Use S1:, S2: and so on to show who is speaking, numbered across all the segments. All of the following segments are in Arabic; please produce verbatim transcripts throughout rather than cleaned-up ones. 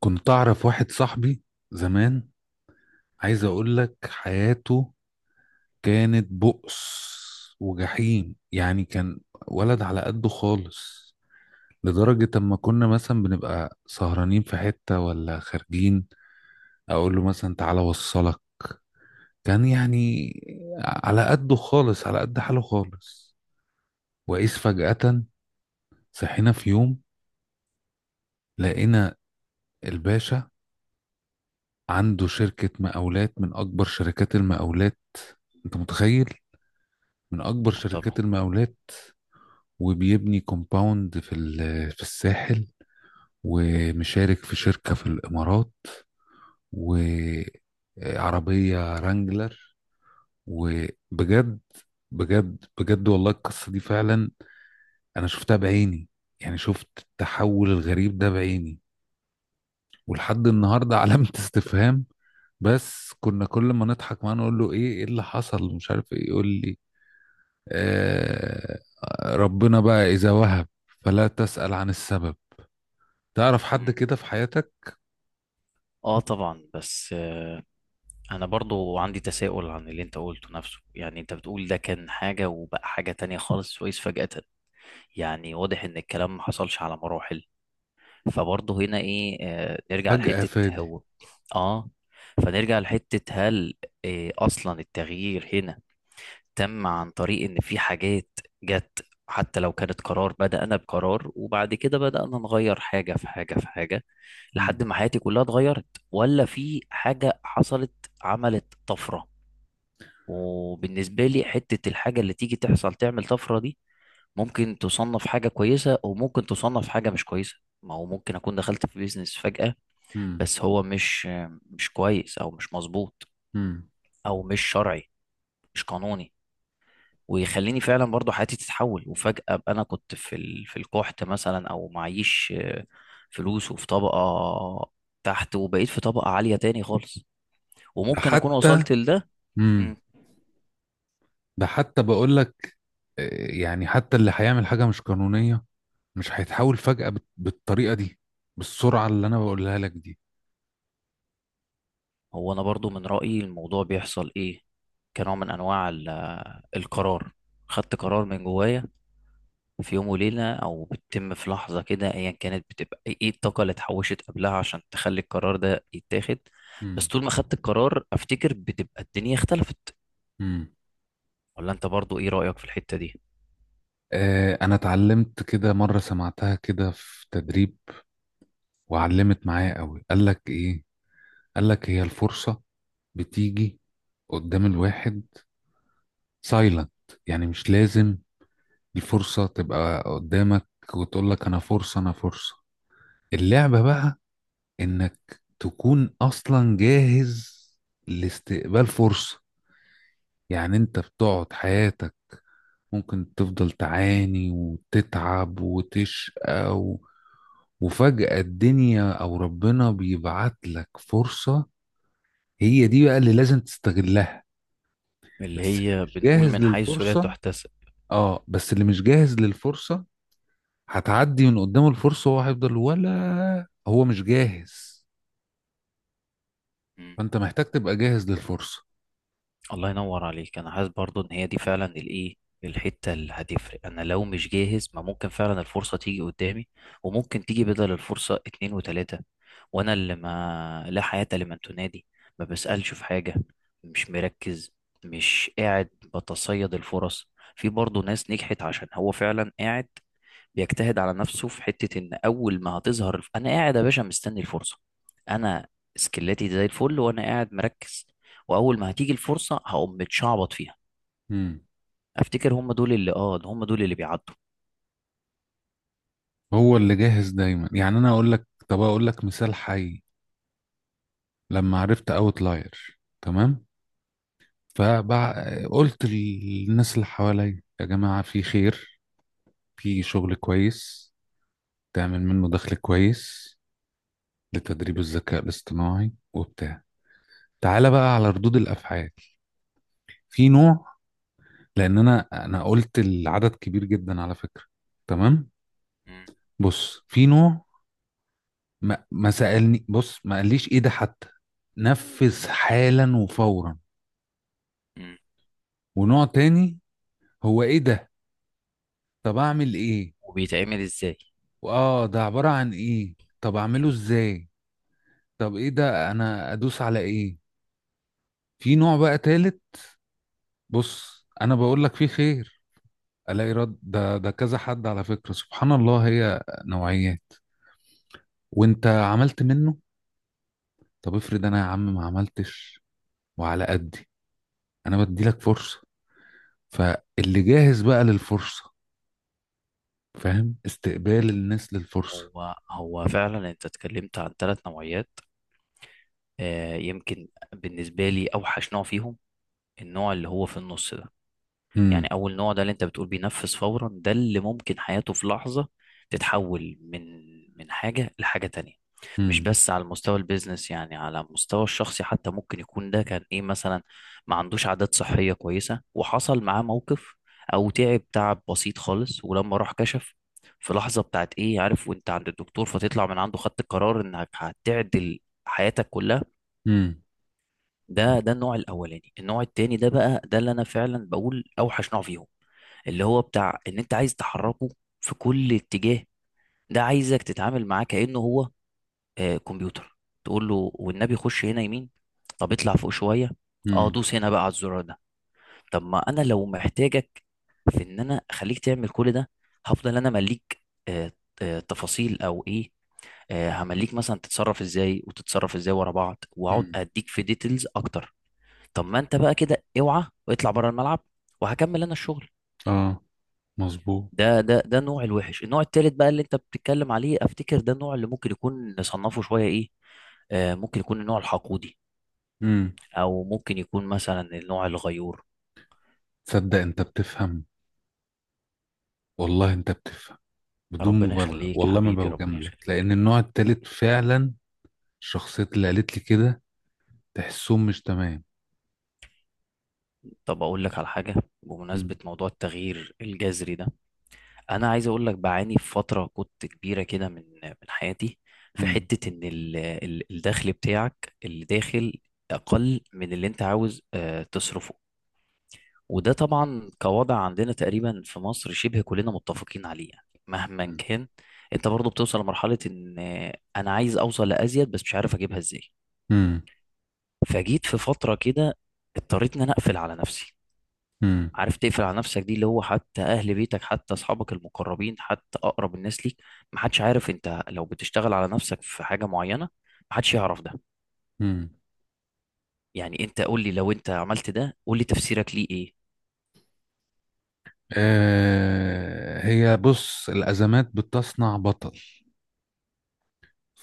S1: كنت أعرف واحد صاحبي زمان، عايز أقول لك حياته كانت بؤس وجحيم. يعني كان ولد على قده خالص، لدرجة أما كنا مثلا بنبقى سهرانين في حتة ولا خارجين أقول له مثلا تعالى وصلك. كان يعني على قده خالص، على قد حاله خالص. وإذ فجأة صحينا في يوم لقينا الباشا عنده شركة مقاولات من أكبر شركات المقاولات. أنت متخيل؟ من اكبر
S2: طبعا.
S1: شركات المقاولات، وبيبني كومباوند في ال- في الساحل، ومشارك في شركة في الامارات، وعربية رانجلر. وبجد بجد بجد والله القصة دي فعلا انا شفتها بعيني، يعني شفت التحول الغريب ده بعيني ولحد النهاردة علامة استفهام. بس كنا كل ما نضحك معاه نقول له ايه ايه اللي حصل مش عارف ايه، يقول لي آه، ربنا بقى اذا وهب فلا تسأل عن السبب. تعرف حد
S2: مم.
S1: كده في حياتك
S2: اه طبعا بس آه، انا برضو عندي تساؤل عن اللي انت قلته نفسه. يعني انت بتقول ده كان حاجة وبقى حاجة تانية خالص سويس فجأة. يعني واضح ان الكلام ما حصلش على مراحل. فبرضو هنا ايه آه، نرجع
S1: فجأة
S2: لحتة
S1: فادي؟
S2: هو. اه فنرجع لحتة هل آه، اصلا التغيير هنا تم عن طريق ان في حاجات جت، حتى لو كانت قرار. بدأنا بقرار وبعد كده بدأنا نغير حاجة في حاجة في حاجة لحد
S1: مم.
S2: ما حياتي كلها اتغيرت. ولا في حاجة حصلت، عملت طفرة. وبالنسبة لي حتة الحاجة اللي تيجي تحصل تعمل طفرة دي، ممكن تصنف حاجة كويسة وممكن تصنف حاجة مش كويسة. ما هو ممكن أكون دخلت في بيزنس فجأة،
S1: مم.
S2: بس هو مش مش كويس أو مش مظبوط،
S1: مم.
S2: أو مش شرعي، مش قانوني. ويخليني فعلا برضو حياتي تتحول، وفجأة ابقى انا كنت في ال... في القحط مثلا او معيش آه، فلوس، وفي طبقة تحت، وبقيت في طبقة عالية تاني خالص.
S1: ده
S2: وممكن اكون
S1: حتى.
S2: وصلت لده.
S1: مم.
S2: مم.
S1: ده حتى بقول لك، آه، يعني حتى اللي هيعمل حاجة مش قانونية مش هيتحول فجأة بت- بالطريقة دي، بالسرعة اللي أنا بقولها لك دي.
S2: هو انا برضو من رأيي الموضوع بيحصل ايه، كنوع من انواع ال- القرار. خدت قرار من جوايا في يوم وليلة او بتتم في لحظة كده ايا كانت. بتبقى ايه إيه الطاقة اللي اتحوشت قبلها عشان تخلي القرار ده يتاخد. بس
S1: مم.
S2: طول ما خدت القرار افتكر بتبقى الدنيا اختلفت.
S1: مم.
S2: ولا انت برضو ايه رأيك في الحتة دي؟
S1: آه، أنا اتعلمت كده مرة، سمعتها كده في تدريب وعلمت معايا قوي. قال لك إيه؟ قال لك هي الفرصة بتيجي قدام الواحد سايلنت، يعني مش لازم الفرصة تبقى قدامك وتقول لك أنا فرصة أنا فرصة. اللعبة بقى إنك تكون أصلا جاهز لاستقبال فرصة. يعني أنت بتقعد حياتك ممكن تفضل تعاني وتتعب وتشقى و... وفجأة الدنيا أو ربنا بيبعت لك فرصة، هي دي بقى اللي لازم تستغلها.
S2: اللي
S1: بس اللي
S2: هي
S1: مش
S2: بنقول
S1: جاهز
S2: من حيث لا
S1: للفرصة،
S2: تحتسب.
S1: آه بس اللي مش جاهز للفرصة هتعدي من قدامه الفرصة وهو هيفضل ولا هو مش جاهز.
S2: مم.
S1: فأنت محتاج تبقى جاهز للفرصة.
S2: الله ينور عليك. انا حاسس برضو ان هي دي فعلا الايه الحتة اللي هتفرق. انا لو مش جاهز ما ممكن فعلا الفرصة تيجي قدامي، وممكن تيجي بدل الفرصة اتنين وتلاتة، وانا اللي ما لا حياة لمن تنادي. ما بسألش في حاجة، مش مركز، مش قاعد بتصيد الفرص. في برضو ناس نجحت عشان هو فعلا قاعد بيجتهد على نفسه في حتة ان اول ما هتظهر الف- انا قاعد يا باشا مستني الفرصة. انا سكلاتي زي الفل وانا قاعد مركز، واول ما هتيجي الفرصة هقوم متشعبط فيها.
S1: مم.
S2: افتكر هم دول اللي اه هم دول اللي بيعدوا.
S1: هو اللي جاهز دايما. يعني أنا أقول لك، طب أقول لك مثال حي. لما عرفت أوتلاير، تمام، فقلت للناس اللي حواليا يا جماعة في خير، في شغل كويس تعمل منه دخل كويس لتدريب الذكاء الاصطناعي وبتاع. تعالى بقى على ردود الأفعال. في نوع، لان انا انا قلت العدد كبير جدا على فكره، تمام،
S2: مم.
S1: بص، في نوع ما, ما سالني، بص ما قاليش ايه ده حتى، نفذ حالا وفورا.
S2: مم.
S1: ونوع تاني هو ايه ده؟ طب اعمل ايه؟
S2: وبيتعمل ازاي؟
S1: واه ده عباره عن ايه؟ طب اعمله
S2: إن
S1: ازاي؟ طب ايه ده، انا ادوس على ايه؟ في نوع بقى تالت، بص انا بقول لك فيه خير، الاقي رد ده ده كذا حد على فكره. سبحان الله، هي نوعيات. وانت عملت منه؟ طب افرض انا يا عم ما عملتش وعلى قدي، انا بدي لك فرصه. فاللي جاهز بقى للفرصه، فاهم، استقبال الناس للفرصه.
S2: هو هو فعلا انت اتكلمت عن ثلاث نوعيات. آه يمكن بالنسبة لي اوحش نوع فيهم، النوع اللي هو في النص ده. يعني
S1: امم.
S2: اول نوع ده اللي انت بتقول بينفذ فورا، ده اللي ممكن حياته في لحظة تتحول من من حاجة لحاجة تانية. مش
S1: امم.
S2: بس على مستوى البيزنس يعني على مستوى الشخصي، حتى ممكن يكون ده كان ايه مثلا، ما عندوش عادات صحية كويسة وحصل معاه موقف، او تعب تعب بسيط خالص. ولما راح كشف في لحظة بتاعت ايه عارف وانت عند الدكتور، فتطلع من عنده خدت القرار انك هتعدل حياتك كلها.
S1: امم.
S2: ده ده النوع الاولاني. النوع التاني ده بقى ده اللي انا فعلا بقول اوحش نوع فيهم، اللي هو بتاع ان انت عايز تحركه في كل اتجاه. ده عايزك تتعامل معاه كأنه هو آه كمبيوتر. تقول له والنبي خش هنا يمين، طب اطلع فوق شوية، اه
S1: امم.
S2: دوس هنا بقى على الزرار ده. طب ما انا لو محتاجك في ان انا اخليك تعمل كل ده، هفضل انا مليك آه آه تفاصيل او ايه، آه همليك مثلا تتصرف ازاي وتتصرف ازاي ورا بعض واقعد
S1: امم.
S2: اديك في ديتيلز اكتر. طب ما انت بقى كده اوعى واطلع بره الملعب وهكمل انا الشغل.
S1: اه، مظبوط.
S2: ده ده ده النوع الوحش. النوع التالت بقى اللي انت بتتكلم عليه افتكر ده النوع اللي ممكن يكون نصنفه شوية ايه، آه ممكن يكون النوع الحقودي،
S1: امم.
S2: او ممكن يكون مثلا النوع الغيور.
S1: تصدق انت بتفهم؟ والله انت بتفهم، بدون
S2: ربنا
S1: مبالغه
S2: يخليك
S1: والله ما
S2: حبيبي، ربنا
S1: بوجاملك،
S2: يخليك.
S1: لان النوع التالت فعلا الشخصيات اللي قالت لي كده تحسهم مش تمام.
S2: طب اقول لك على حاجة. بمناسبة
S1: امم.
S2: موضوع التغيير الجذري ده، انا عايز اقول لك بعاني في فترة كنت كبيرة كده من من حياتي. في
S1: امم.
S2: حتة ان ال- ال- الدخل بتاعك اللي داخل اقل من اللي انت عاوز آه، تصرفه. وده طبعا كوضع عندنا تقريبا في مصر شبه كلنا متفقين عليه. يعني مهما كان، انت برضو بتوصل لمرحلة ان انا عايز اوصل لازيد بس مش عارف اجيبها ازاي.
S1: امم.
S2: فجيت في فترة كده اضطريت ان انا اقفل على نفسي.
S1: امم.
S2: عارف تقفل على نفسك دي؟ اللي هو حتى اهل بيتك، حتى اصحابك المقربين، حتى اقرب الناس ليك، محدش عارف انت لو بتشتغل على نفسك في حاجة معينة، محدش يعرف ده.
S1: امم.
S2: يعني انت قول لي لو انت عملت ده قول لي تفسيرك ليه ايه؟
S1: آه، هي بص، الأزمات بتصنع بطل.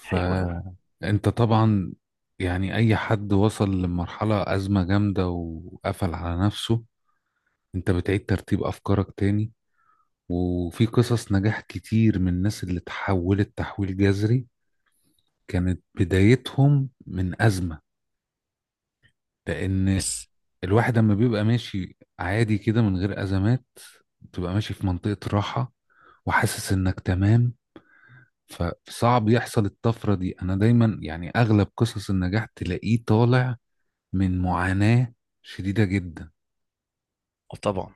S2: حلو قوي.
S1: طبعا يعني اي حد وصل لمرحلة ازمة جامدة وقفل على نفسه، انت بتعيد ترتيب افكارك تاني. وفي قصص نجاح كتير من الناس اللي تحولت تحويل جذري كانت بدايتهم من ازمة، لان
S2: بس
S1: الواحد لما بيبقى ماشي عادي كده من غير ازمات بتبقى ماشي في منطقة راحة وحاسس انك تمام، فصعب يحصل الطفرة دي. انا دايما يعني اغلب قصص النجاح تلاقيه طالع من معاناة شديدة جدا.
S2: طبعا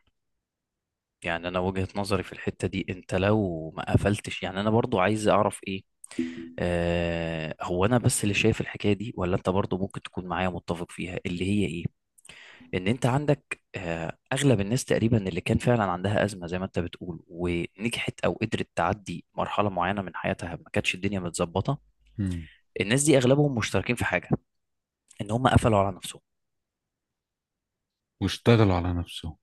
S2: يعني انا وجهة نظري في الحتة دي، انت لو ما قفلتش، يعني انا برضو عايز اعرف ايه، آه هو انا بس اللي شايف الحكاية دي ولا انت برضو ممكن تكون معايا متفق فيها؟ اللي هي ايه، ان انت عندك آه اغلب الناس تقريبا اللي كان فعلا عندها ازمة زي ما انت بتقول ونجحت او قدرت تعدي مرحلة معينة من حياتها ما كانتش الدنيا متظبطة.
S1: مم.
S2: الناس دي اغلبهم مشتركين في حاجة، ان هم قفلوا على نفسهم.
S1: واشتغلوا على نفسهم.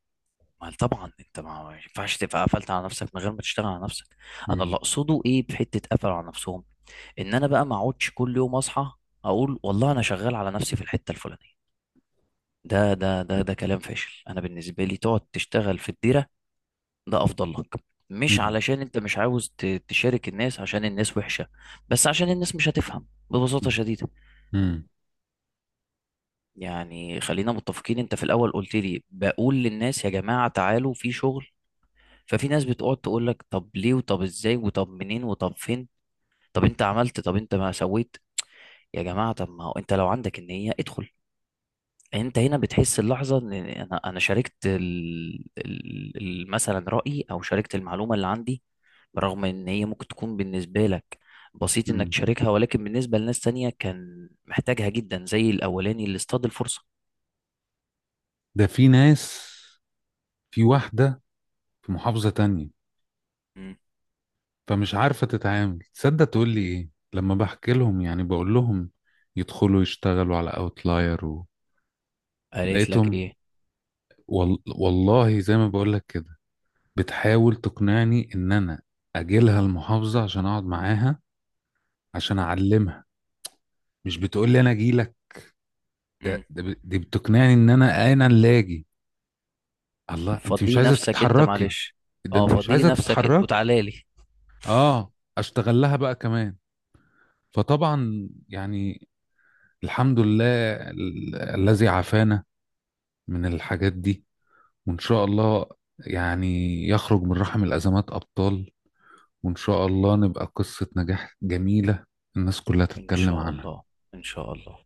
S2: ما طبعا انت ما ما ينفعش تبقى قفلت على نفسك من غير ما تشتغل على نفسك. انا اللي
S1: مم.
S2: اقصده ايه، بحته قفلوا على نفسهم. ان انا بقى ما اقعدش كل يوم اصحى اقول والله انا شغال على نفسي في الحته الفلانيه. ده ده ده ده كلام فاشل. انا بالنسبه لي تقعد تشتغل في الديره ده افضل لك. مش
S1: مم.
S2: علشان انت مش عاوز ت- تشارك الناس عشان الناس وحشه، بس عشان الناس مش هتفهم ببساطه
S1: مم.
S2: شديده.
S1: مم.
S2: يعني خلينا متفقين، انت في الاول قلت لي بقول للناس يا جماعه تعالوا في شغل، ففي ناس بتقعد تقول لك طب ليه وطب ازاي وطب منين وطب فين، طب انت عملت طب انت ما سويت. يا جماعه طب ما هو انت لو عندك النيه ادخل. انت هنا بتحس اللحظه ان انا انا شاركت ال... ال... ال- مثلا رايي او شاركت المعلومه اللي عندي، برغم ان هي ممكن تكون بالنسبه لك بسيط انك
S1: مم.
S2: تشاركها، ولكن بالنسبه لناس تانية كان محتاجها جدا زي الاولاني اللي اصطاد الفرصه.
S1: ده في ناس، في واحدة في محافظة تانية
S2: مم.
S1: فمش عارفة تتعامل. تصدق تقول لي ايه لما بحكي لهم، يعني بقول لهم يدخلوا يشتغلوا على اوتلاير و...
S2: قالت لك
S1: لقيتهم
S2: ايه؟
S1: وال... والله زي ما بقول لك كده بتحاول تقنعني ان انا اجي لها المحافظة عشان اقعد معاها، عشان اعلمها، مش بتقول لي انا اجي لك.
S2: مم.
S1: ده, ده ب- دي بتقنعني ان انا انا اللي اجي. الله، انت مش
S2: فضي
S1: عايزه
S2: نفسك انت
S1: تتحركي،
S2: معلش.
S1: ده
S2: اه
S1: انت مش
S2: فضي لي
S1: عايزه
S2: نفسك انت
S1: تتحركي،
S2: وتعالى لي.
S1: اه، اشتغل لها بقى كمان. فطبعا يعني الحمد لله ال- الذي عافانا من الحاجات دي، وان شاء الله يعني يخرج من رحم الازمات ابطال، وان شاء الله نبقى قصه نجاح جميله الناس كلها
S2: ان
S1: تتكلم
S2: شاء
S1: عنها.
S2: الله، ان شاء الله.